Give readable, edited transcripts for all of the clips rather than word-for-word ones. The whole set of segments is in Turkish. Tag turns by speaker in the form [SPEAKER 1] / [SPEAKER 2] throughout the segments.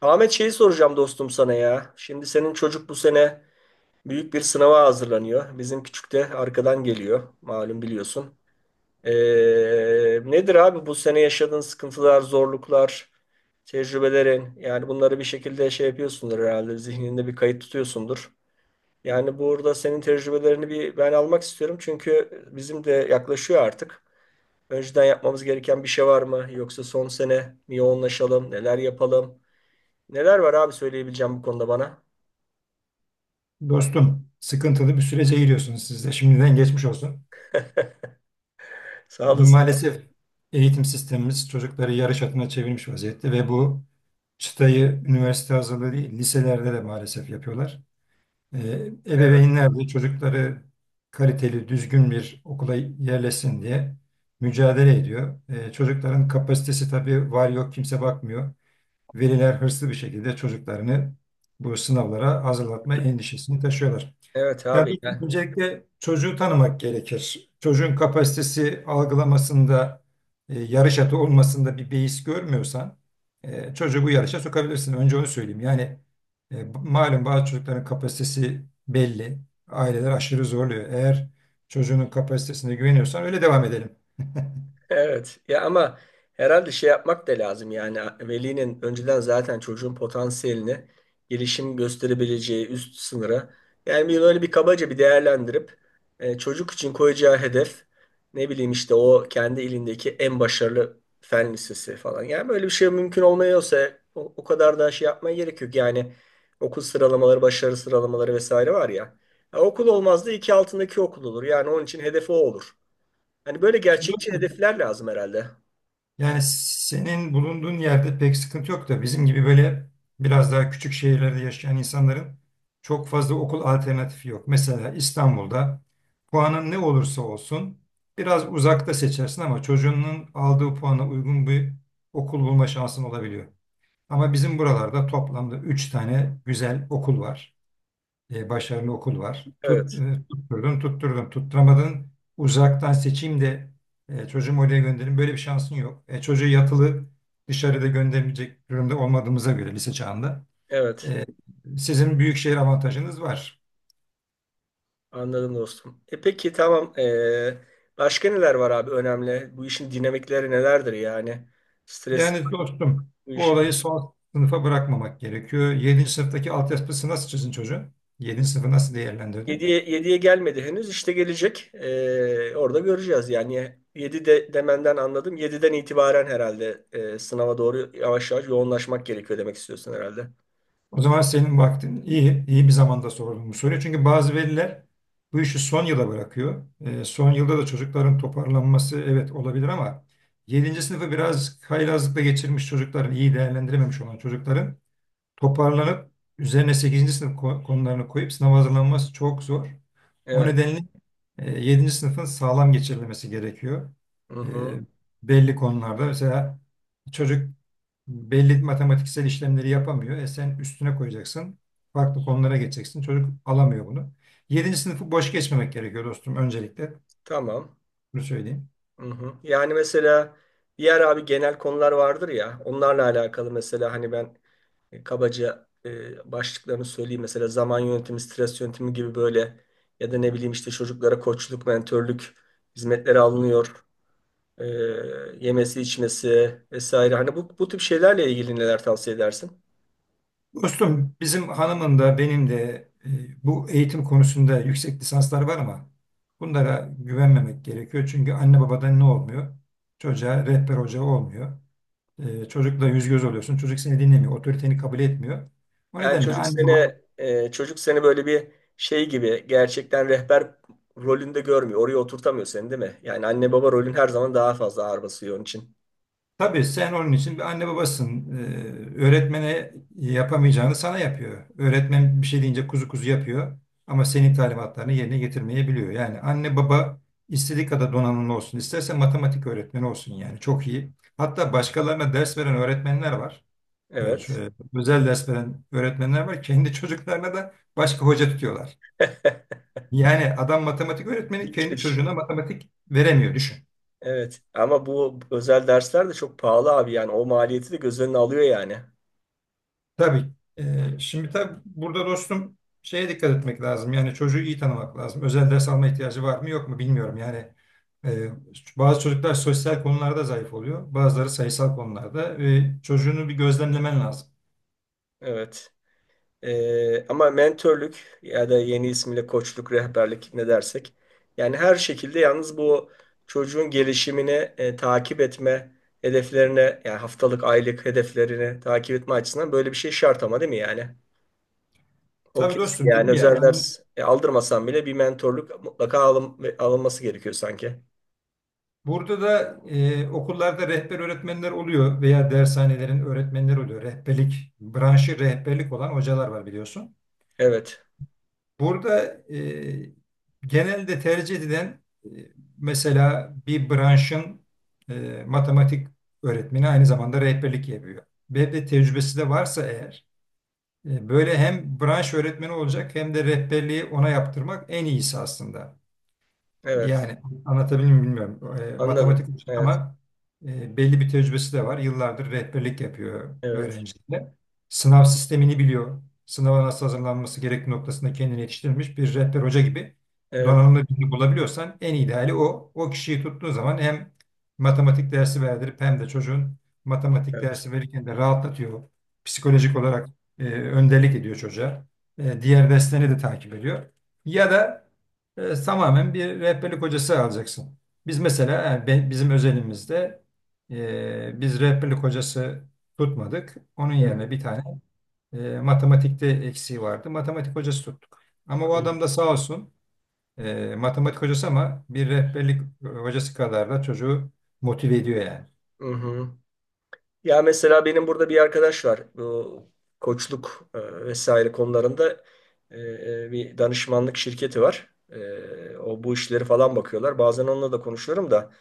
[SPEAKER 1] Ahmet şeyi soracağım dostum sana ya. Şimdi senin çocuk bu sene büyük bir sınava hazırlanıyor. Bizim küçük de arkadan geliyor. Malum biliyorsun. Ee, nedir abi bu sene yaşadığın sıkıntılar, zorluklar, tecrübelerin? Yani bunları bir şekilde şey yapıyorsundur herhalde. Zihninde bir kayıt tutuyorsundur. Yani burada senin tecrübelerini bir ben almak istiyorum. Çünkü bizim de yaklaşıyor artık. Önceden yapmamız gereken bir şey var mı? Yoksa son sene mi yoğunlaşalım? Neler yapalım? Neler var abi söyleyebileceğim bu konuda bana?
[SPEAKER 2] Dostum, sıkıntılı bir sürece giriyorsunuz siz de. Şimdiden geçmiş olsun.
[SPEAKER 1] Sağ olasın.
[SPEAKER 2] Maalesef eğitim sistemimiz çocukları yarış atına çevirmiş vaziyette ve bu çıtayı üniversite hazırlığı değil, liselerde de maalesef yapıyorlar. Ee,
[SPEAKER 1] Evet,
[SPEAKER 2] Ebeveynler de çocukları kaliteli, düzgün bir okula yerleşsin diye mücadele ediyor. Çocukların kapasitesi tabii var yok kimse bakmıyor. Veliler hırslı bir şekilde çocuklarını bu sınavlara hazırlatma endişesini taşıyorlar.
[SPEAKER 1] evet
[SPEAKER 2] Ya
[SPEAKER 1] abi.
[SPEAKER 2] dostum,
[SPEAKER 1] Yani
[SPEAKER 2] öncelikle çocuğu tanımak gerekir. Çocuğun kapasitesi algılamasında, yarış atı olmasında bir beis görmüyorsan çocuğu bu yarışa sokabilirsin. Önce onu söyleyeyim. Yani malum bazı çocukların kapasitesi belli. Aileler aşırı zorluyor. Eğer çocuğunun kapasitesine güveniyorsan öyle devam edelim.
[SPEAKER 1] evet ya ama herhalde şey yapmak da lazım yani velinin önceden zaten çocuğun potansiyelini gelişim gösterebileceği üst sınıra yani bir böyle bir kabaca bir değerlendirip çocuk için koyacağı hedef ne bileyim işte o kendi ilindeki en başarılı fen lisesi falan yani böyle bir şey mümkün olmuyorsa o kadar da şey yapmaya gerek yok yani okul sıralamaları başarı sıralamaları vesaire var ya, ya okul olmaz da iki altındaki okul olur yani onun için hedefi o olur. Hani böyle
[SPEAKER 2] Şimdi
[SPEAKER 1] gerçekçi
[SPEAKER 2] dostum,
[SPEAKER 1] hedefler lazım herhalde.
[SPEAKER 2] yani senin bulunduğun yerde pek sıkıntı yok da bizim gibi böyle biraz daha küçük şehirlerde yaşayan insanların çok fazla okul alternatifi yok. Mesela İstanbul'da puanın ne olursa olsun biraz uzakta seçersin ama çocuğunun aldığı puana uygun bir okul bulma şansın olabiliyor. Ama bizim buralarda toplamda 3 tane güzel okul var, başarılı okul var. Tut,
[SPEAKER 1] Evet,
[SPEAKER 2] tutturdun, tutturdun, tutturamadın. Uzaktan seçeyim de çocuğumu oraya gönderin. Böyle bir şansın yok. E, çocuğu yatılı dışarıda gönderebilecek durumda olmadığımıza göre lise çağında.
[SPEAKER 1] evet.
[SPEAKER 2] e, Sizin büyük şehir avantajınız var.
[SPEAKER 1] Anladım dostum. E peki tamam. Başka neler var abi önemli? Bu işin dinamikleri nelerdir yani? Stres
[SPEAKER 2] Yani dostum
[SPEAKER 1] bu
[SPEAKER 2] bu olayı
[SPEAKER 1] işin.
[SPEAKER 2] son sınıfa bırakmamak gerekiyor. Yedinci sınıftaki altyapısı nasıl çizin çocuğun? Yedinci sınıfı nasıl değerlendirdi?
[SPEAKER 1] 7'ye gelmedi henüz. İşte gelecek. Orada göreceğiz yani. Yedi de, demenden anladım. Yediden itibaren herhalde sınava doğru yavaş yavaş yoğunlaşmak gerekiyor demek istiyorsun herhalde.
[SPEAKER 2] O zaman senin vaktin iyi bir zamanda sordum bu soruyu. Çünkü bazı veliler bu işi son yıla bırakıyor. Son yılda da çocukların toparlanması evet olabilir ama yedinci sınıfı biraz haylazlıkla geçirmiş çocukların, iyi değerlendirememiş olan çocukların toparlanıp üzerine sekizinci sınıf konularını koyup sınava hazırlanması çok zor. O
[SPEAKER 1] Evet.
[SPEAKER 2] nedenle 7. sınıfın sağlam geçirilmesi gerekiyor.
[SPEAKER 1] Hı
[SPEAKER 2] E,
[SPEAKER 1] hı.
[SPEAKER 2] Belli konularda mesela çocuk belli matematiksel işlemleri yapamıyor. E sen üstüne koyacaksın. Farklı konulara geçeceksin. Çocuk alamıyor bunu. Yedinci sınıfı boş geçmemek gerekiyor dostum öncelikle.
[SPEAKER 1] Tamam.
[SPEAKER 2] Bunu söyleyeyim.
[SPEAKER 1] Hı hı. Yani mesela diğer abi genel konular vardır ya onlarla alakalı mesela hani ben kabaca başlıklarını söyleyeyim mesela zaman yönetimi, stres yönetimi gibi böyle ya da ne bileyim işte çocuklara koçluk, mentörlük hizmetleri alınıyor. E, yemesi, içmesi vesaire hani bu tip şeylerle ilgili neler tavsiye edersin?
[SPEAKER 2] Dostum bizim hanımın da benim de bu eğitim konusunda yüksek lisanslar var ama bunlara güvenmemek gerekiyor. Çünkü anne babadan ne olmuyor? Çocuğa rehber hoca olmuyor. E, çocukla yüz göz oluyorsun. Çocuk seni dinlemiyor. Otoriteni kabul etmiyor. O
[SPEAKER 1] Yani
[SPEAKER 2] nedenle anne baba
[SPEAKER 1] çocuk seni böyle bir şey gibi gerçekten rehber rolünde görmüyor. Oraya oturtamıyor seni değil mi? Yani anne baba rolün her zaman daha fazla ağır basıyor onun için.
[SPEAKER 2] tabii sen onun için bir anne babasın. Öğretmene yapamayacağını sana yapıyor. Öğretmen bir şey deyince kuzu kuzu yapıyor ama senin talimatlarını yerine getirmeyebiliyor. Yani anne baba istediği kadar donanımlı olsun, isterse matematik öğretmeni olsun yani çok iyi. Hatta başkalarına ders veren öğretmenler var. Evet,
[SPEAKER 1] Evet.
[SPEAKER 2] şöyle özel ders veren öğretmenler var. Kendi çocuklarına da başka hoca tutuyorlar. Yani adam matematik öğretmeni kendi
[SPEAKER 1] İlginçmiş.
[SPEAKER 2] çocuğuna matematik veremiyor düşün.
[SPEAKER 1] Evet. Ama bu özel dersler de çok pahalı abi yani. O maliyeti de göz önüne alıyor yani.
[SPEAKER 2] Tabii. Şimdi tabii burada dostum şeye dikkat etmek lazım. Yani çocuğu iyi tanımak lazım. Özel ders alma ihtiyacı var mı yok mu bilmiyorum. Yani e, bazı çocuklar sosyal konularda zayıf oluyor. Bazıları sayısal konularda ve çocuğunu bir gözlemlemen lazım.
[SPEAKER 1] Evet. Ama mentörlük ya da yeni ismiyle koçluk, rehberlik ne dersek. Yani her şekilde yalnız bu çocuğun gelişimini takip etme hedeflerine yani haftalık, aylık hedeflerini takip etme açısından böyle bir şey şart ama değil mi yani? O
[SPEAKER 2] Tabii
[SPEAKER 1] kesin
[SPEAKER 2] dostum
[SPEAKER 1] yani
[SPEAKER 2] dedim ya
[SPEAKER 1] özel ders aldırmasan bile bir mentorluk mutlaka alınması gerekiyor sanki.
[SPEAKER 2] burada da okullarda rehber öğretmenler oluyor veya dershanelerin öğretmenleri oluyor. Rehberlik, branşı rehberlik olan hocalar var biliyorsun.
[SPEAKER 1] Evet.
[SPEAKER 2] Burada genelde tercih edilen, mesela bir branşın, matematik öğretmeni aynı zamanda rehberlik yapıyor. Ve de tecrübesi de varsa eğer böyle hem branş öğretmeni olacak hem de rehberliği ona yaptırmak en iyisi aslında.
[SPEAKER 1] Evet.
[SPEAKER 2] Yani anlatabildim mi bilmiyorum. E,
[SPEAKER 1] Anladım.
[SPEAKER 2] matematik hocası
[SPEAKER 1] Evet,
[SPEAKER 2] ama belli bir tecrübesi de var. Yıllardır rehberlik yapıyor
[SPEAKER 1] evet,
[SPEAKER 2] öğrencilere. Sınav sistemini biliyor. Sınava nasıl hazırlanması gerektiği noktasında kendini yetiştirmiş bir rehber hoca gibi
[SPEAKER 1] evet,
[SPEAKER 2] donanımlı birini bulabiliyorsan en ideali o. O kişiyi tuttuğun zaman hem matematik dersi verdirip hem de çocuğun matematik
[SPEAKER 1] evet.
[SPEAKER 2] dersi verirken de rahatlatıyor.
[SPEAKER 1] Hı,
[SPEAKER 2] Psikolojik olarak önderlik ediyor çocuğa. E, diğer derslerini de takip ediyor. Ya da tamamen bir rehberlik hocası alacaksın. Biz mesela yani bizim özelimizde biz rehberlik hocası tutmadık. Onun
[SPEAKER 1] hı,
[SPEAKER 2] yerine bir tane, matematikte eksiği vardı. Matematik hocası tuttuk. Ama o
[SPEAKER 1] anladım.
[SPEAKER 2] adam da sağ olsun matematik hocası ama bir rehberlik hocası kadar da çocuğu motive ediyor yani.
[SPEAKER 1] Hı hı. Ya mesela benim burada bir arkadaş var. Bu koçluk vesaire konularında bir danışmanlık şirketi var. E, o bu işleri falan bakıyorlar. Bazen onunla da konuşuyorum da.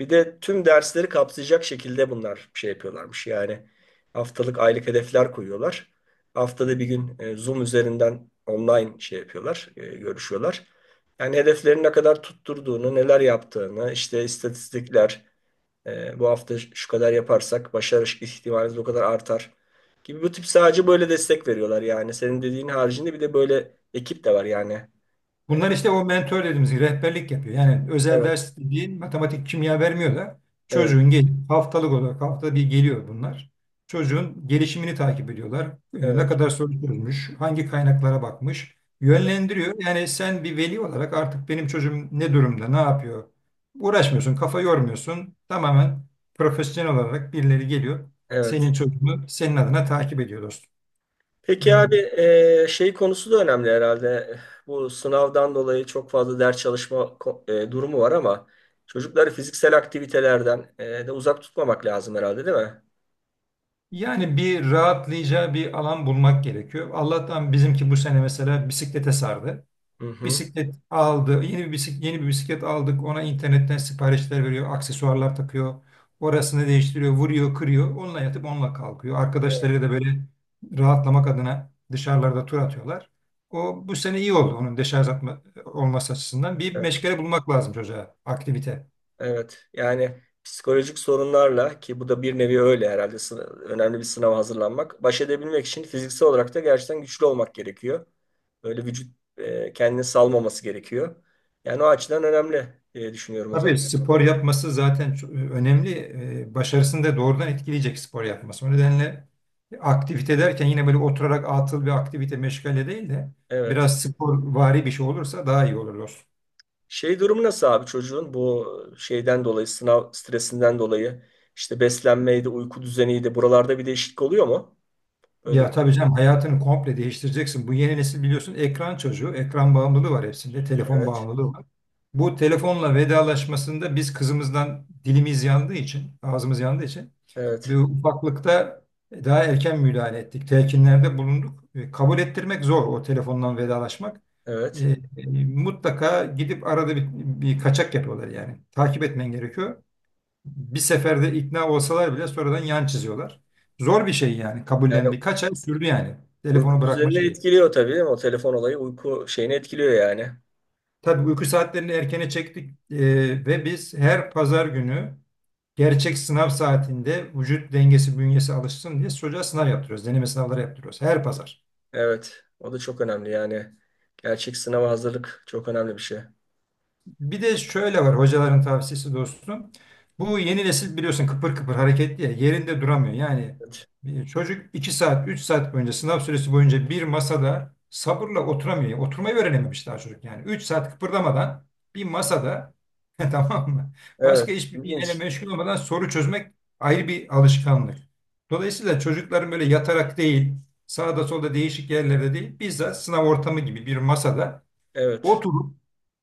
[SPEAKER 1] Bir de tüm dersleri kapsayacak şekilde bunlar şey yapıyorlarmış. Yani haftalık aylık hedefler koyuyorlar. Haftada bir gün Zoom üzerinden online şey yapıyorlar, görüşüyorlar. Yani hedeflerin ne kadar tutturduğunu, neler yaptığını, işte istatistikler, bu hafta şu kadar yaparsak başarı ihtimaliniz o kadar artar gibi bu tip sadece böyle destek veriyorlar yani. Senin dediğin haricinde bir de böyle ekip de var yani. E,
[SPEAKER 2] Bunlar işte o mentor dediğimiz gibi rehberlik yapıyor. Yani özel
[SPEAKER 1] evet,
[SPEAKER 2] ders dediğin matematik, kimya vermiyor da
[SPEAKER 1] evet,
[SPEAKER 2] çocuğun gel haftalık olarak haftada bir geliyor bunlar. Çocuğun gelişimini takip ediyorlar. E, ne
[SPEAKER 1] evet,
[SPEAKER 2] kadar soru sorulmuş, hangi kaynaklara bakmış,
[SPEAKER 1] evet,
[SPEAKER 2] yönlendiriyor. Yani sen bir veli olarak artık benim çocuğum ne durumda, ne yapıyor? Uğraşmıyorsun, kafa yormuyorsun. Tamamen profesyonel olarak birileri geliyor.
[SPEAKER 1] evet.
[SPEAKER 2] Senin çocuğunu senin adına takip ediyor dostum. E,
[SPEAKER 1] Peki abi şey konusu da önemli herhalde. Bu sınavdan dolayı çok fazla ders çalışma durumu var ama çocukları fiziksel aktivitelerden de uzak tutmamak lazım herhalde değil mi?
[SPEAKER 2] Yani bir rahatlayacağı bir alan bulmak gerekiyor. Allah'tan bizimki bu sene mesela bisiklete sardı.
[SPEAKER 1] Hı hı.
[SPEAKER 2] Bisiklet aldı, yeni bir bisiklet aldık. Ona internetten siparişler veriyor, aksesuarlar takıyor. Orasını değiştiriyor, vuruyor, kırıyor. Onunla yatıp onunla kalkıyor.
[SPEAKER 1] Evet,
[SPEAKER 2] Arkadaşları da böyle rahatlamak adına dışarılarda tur atıyorlar. O bu sene iyi oldu onun deşarj atma, olması açısından. Bir
[SPEAKER 1] evet.
[SPEAKER 2] meşgale bulmak lazım çocuğa, aktivite.
[SPEAKER 1] Evet. Yani psikolojik sorunlarla ki bu da bir nevi öyle herhalde önemli bir sınava hazırlanmak. Baş edebilmek için fiziksel olarak da gerçekten güçlü olmak gerekiyor. Böyle vücut kendini salmaması gerekiyor. Yani o açıdan önemli diye düşünüyorum o zaman.
[SPEAKER 2] Tabii spor yapması zaten çok önemli. Başarısını da doğrudan etkileyecek spor yapması. O nedenle aktivite derken yine böyle oturarak atıl bir aktivite meşgale değil de
[SPEAKER 1] Evet.
[SPEAKER 2] biraz spor vari bir şey olursa daha iyi olur dostum.
[SPEAKER 1] Şey durumu nasıl abi çocuğun bu şeyden dolayı sınav stresinden dolayı işte beslenmeydi, uyku düzeniydi. Buralarda bir değişiklik oluyor mu? Böyle
[SPEAKER 2] Ya
[SPEAKER 1] bir
[SPEAKER 2] tabii canım hayatını komple değiştireceksin. Bu yeni nesil biliyorsun ekran çocuğu. Ekran bağımlılığı var hepsinde. Telefon
[SPEAKER 1] evet.
[SPEAKER 2] bağımlılığı var. Bu telefonla vedalaşmasında biz kızımızdan dilimiz yandığı için, ağzımız yandığı için bu
[SPEAKER 1] Evet.
[SPEAKER 2] ufaklıkta daha erken müdahale ettik. Telkinlerde bulunduk. E, kabul ettirmek zor o telefondan vedalaşmak.
[SPEAKER 1] Evet.
[SPEAKER 2] E, mutlaka gidip arada bir kaçak yapıyorlar yani. Takip etmen gerekiyor bir seferde ikna olsalar bile sonradan yan çiziyorlar. Zor bir şey yani.
[SPEAKER 1] Yani
[SPEAKER 2] Kabullendi. Kaç ay sürdü yani.
[SPEAKER 1] uyku
[SPEAKER 2] Telefonu bırakma
[SPEAKER 1] düzenini
[SPEAKER 2] şeyi.
[SPEAKER 1] etkiliyor tabii değil mi? O telefon olayı uyku şeyini etkiliyor yani.
[SPEAKER 2] Tabii uyku saatlerini erkene çektik ve biz her pazar günü gerçek sınav saatinde vücut dengesi bünyesi alışsın diye çocuğa sınav yaptırıyoruz. Deneme sınavları yaptırıyoruz. Her pazar.
[SPEAKER 1] Evet. O da çok önemli yani. Gerçek sınava hazırlık çok önemli bir şey.
[SPEAKER 2] Bir de şöyle var hocaların tavsiyesi dostum. Bu yeni nesil biliyorsun kıpır kıpır hareketli ya yerinde duramıyor. Yani
[SPEAKER 1] Evet.
[SPEAKER 2] bir çocuk 2 saat 3 saat boyunca sınav süresi boyunca bir masada sabırla oturamıyor. Yani oturmayı öğrenememiş daha çocuk yani. Üç saat kıpırdamadan bir masada tamam mı? Başka
[SPEAKER 1] Evet.
[SPEAKER 2] hiçbir şeyle
[SPEAKER 1] İlginç.
[SPEAKER 2] meşgul olmadan soru çözmek ayrı bir alışkanlık. Dolayısıyla çocukların böyle yatarak değil sağda solda değişik yerlerde değil bizzat sınav ortamı gibi bir masada
[SPEAKER 1] Evet.
[SPEAKER 2] oturup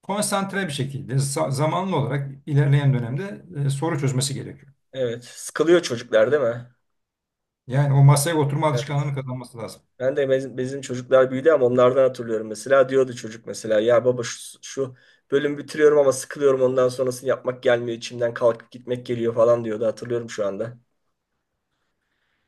[SPEAKER 2] konsantre bir şekilde zamanlı olarak ilerleyen dönemde soru çözmesi gerekiyor.
[SPEAKER 1] Evet. Sıkılıyor çocuklar değil mi?
[SPEAKER 2] Yani o masaya oturma alışkanlığını kazanması lazım.
[SPEAKER 1] Ben de bizim çocuklar büyüdü ama onlardan hatırlıyorum mesela. Diyordu çocuk mesela ya baba şu bölümü bitiriyorum ama sıkılıyorum ondan sonrasını yapmak gelmiyor içimden kalkıp gitmek geliyor falan diyordu hatırlıyorum şu anda.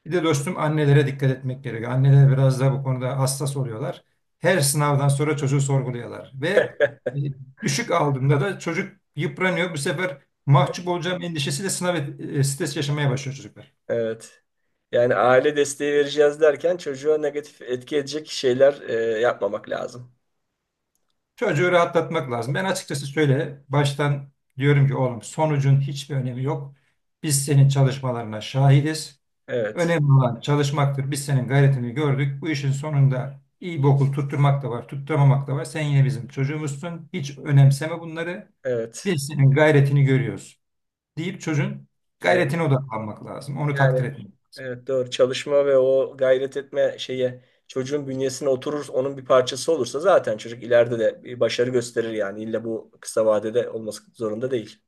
[SPEAKER 2] Bir de dostum annelere dikkat etmek gerekiyor. Anneler biraz da bu konuda hassas oluyorlar. Her sınavdan sonra çocuğu sorguluyorlar ve e, düşük aldığında da çocuk yıpranıyor. Bu sefer mahcup olacağım endişesiyle stres yaşamaya başlıyor çocuklar.
[SPEAKER 1] Evet. Yani aile desteği vereceğiz derken çocuğa negatif etki edecek şeyler yapmamak lazım.
[SPEAKER 2] Çocuğu rahatlatmak lazım. Ben açıkçası şöyle baştan diyorum ki oğlum sonucun hiçbir önemi yok. Biz senin çalışmalarına şahidiz.
[SPEAKER 1] Evet.
[SPEAKER 2] Önemli olan çalışmaktır. Biz senin gayretini gördük. Bu işin sonunda iyi bir okul tutturmak da var, tutturmamak da var. Sen yine bizim çocuğumuzsun. Hiç önemseme bunları.
[SPEAKER 1] Evet.
[SPEAKER 2] Biz senin gayretini görüyoruz deyip çocuğun
[SPEAKER 1] Evet.
[SPEAKER 2] gayretine odaklanmak lazım. Onu
[SPEAKER 1] Yani
[SPEAKER 2] takdir etmek lazım.
[SPEAKER 1] evet doğru. Çalışma ve o gayret etme şeye çocuğun bünyesine oturur, onun bir parçası olursa zaten çocuk ileride de bir başarı gösterir yani. İlla bu kısa vadede olması zorunda değil.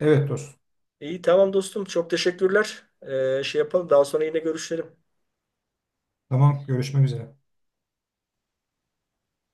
[SPEAKER 2] Evet dostum.
[SPEAKER 1] İyi tamam dostum. Çok teşekkürler. Şey yapalım. Daha sonra yine görüşelim.
[SPEAKER 2] Tamam, görüşmek üzere.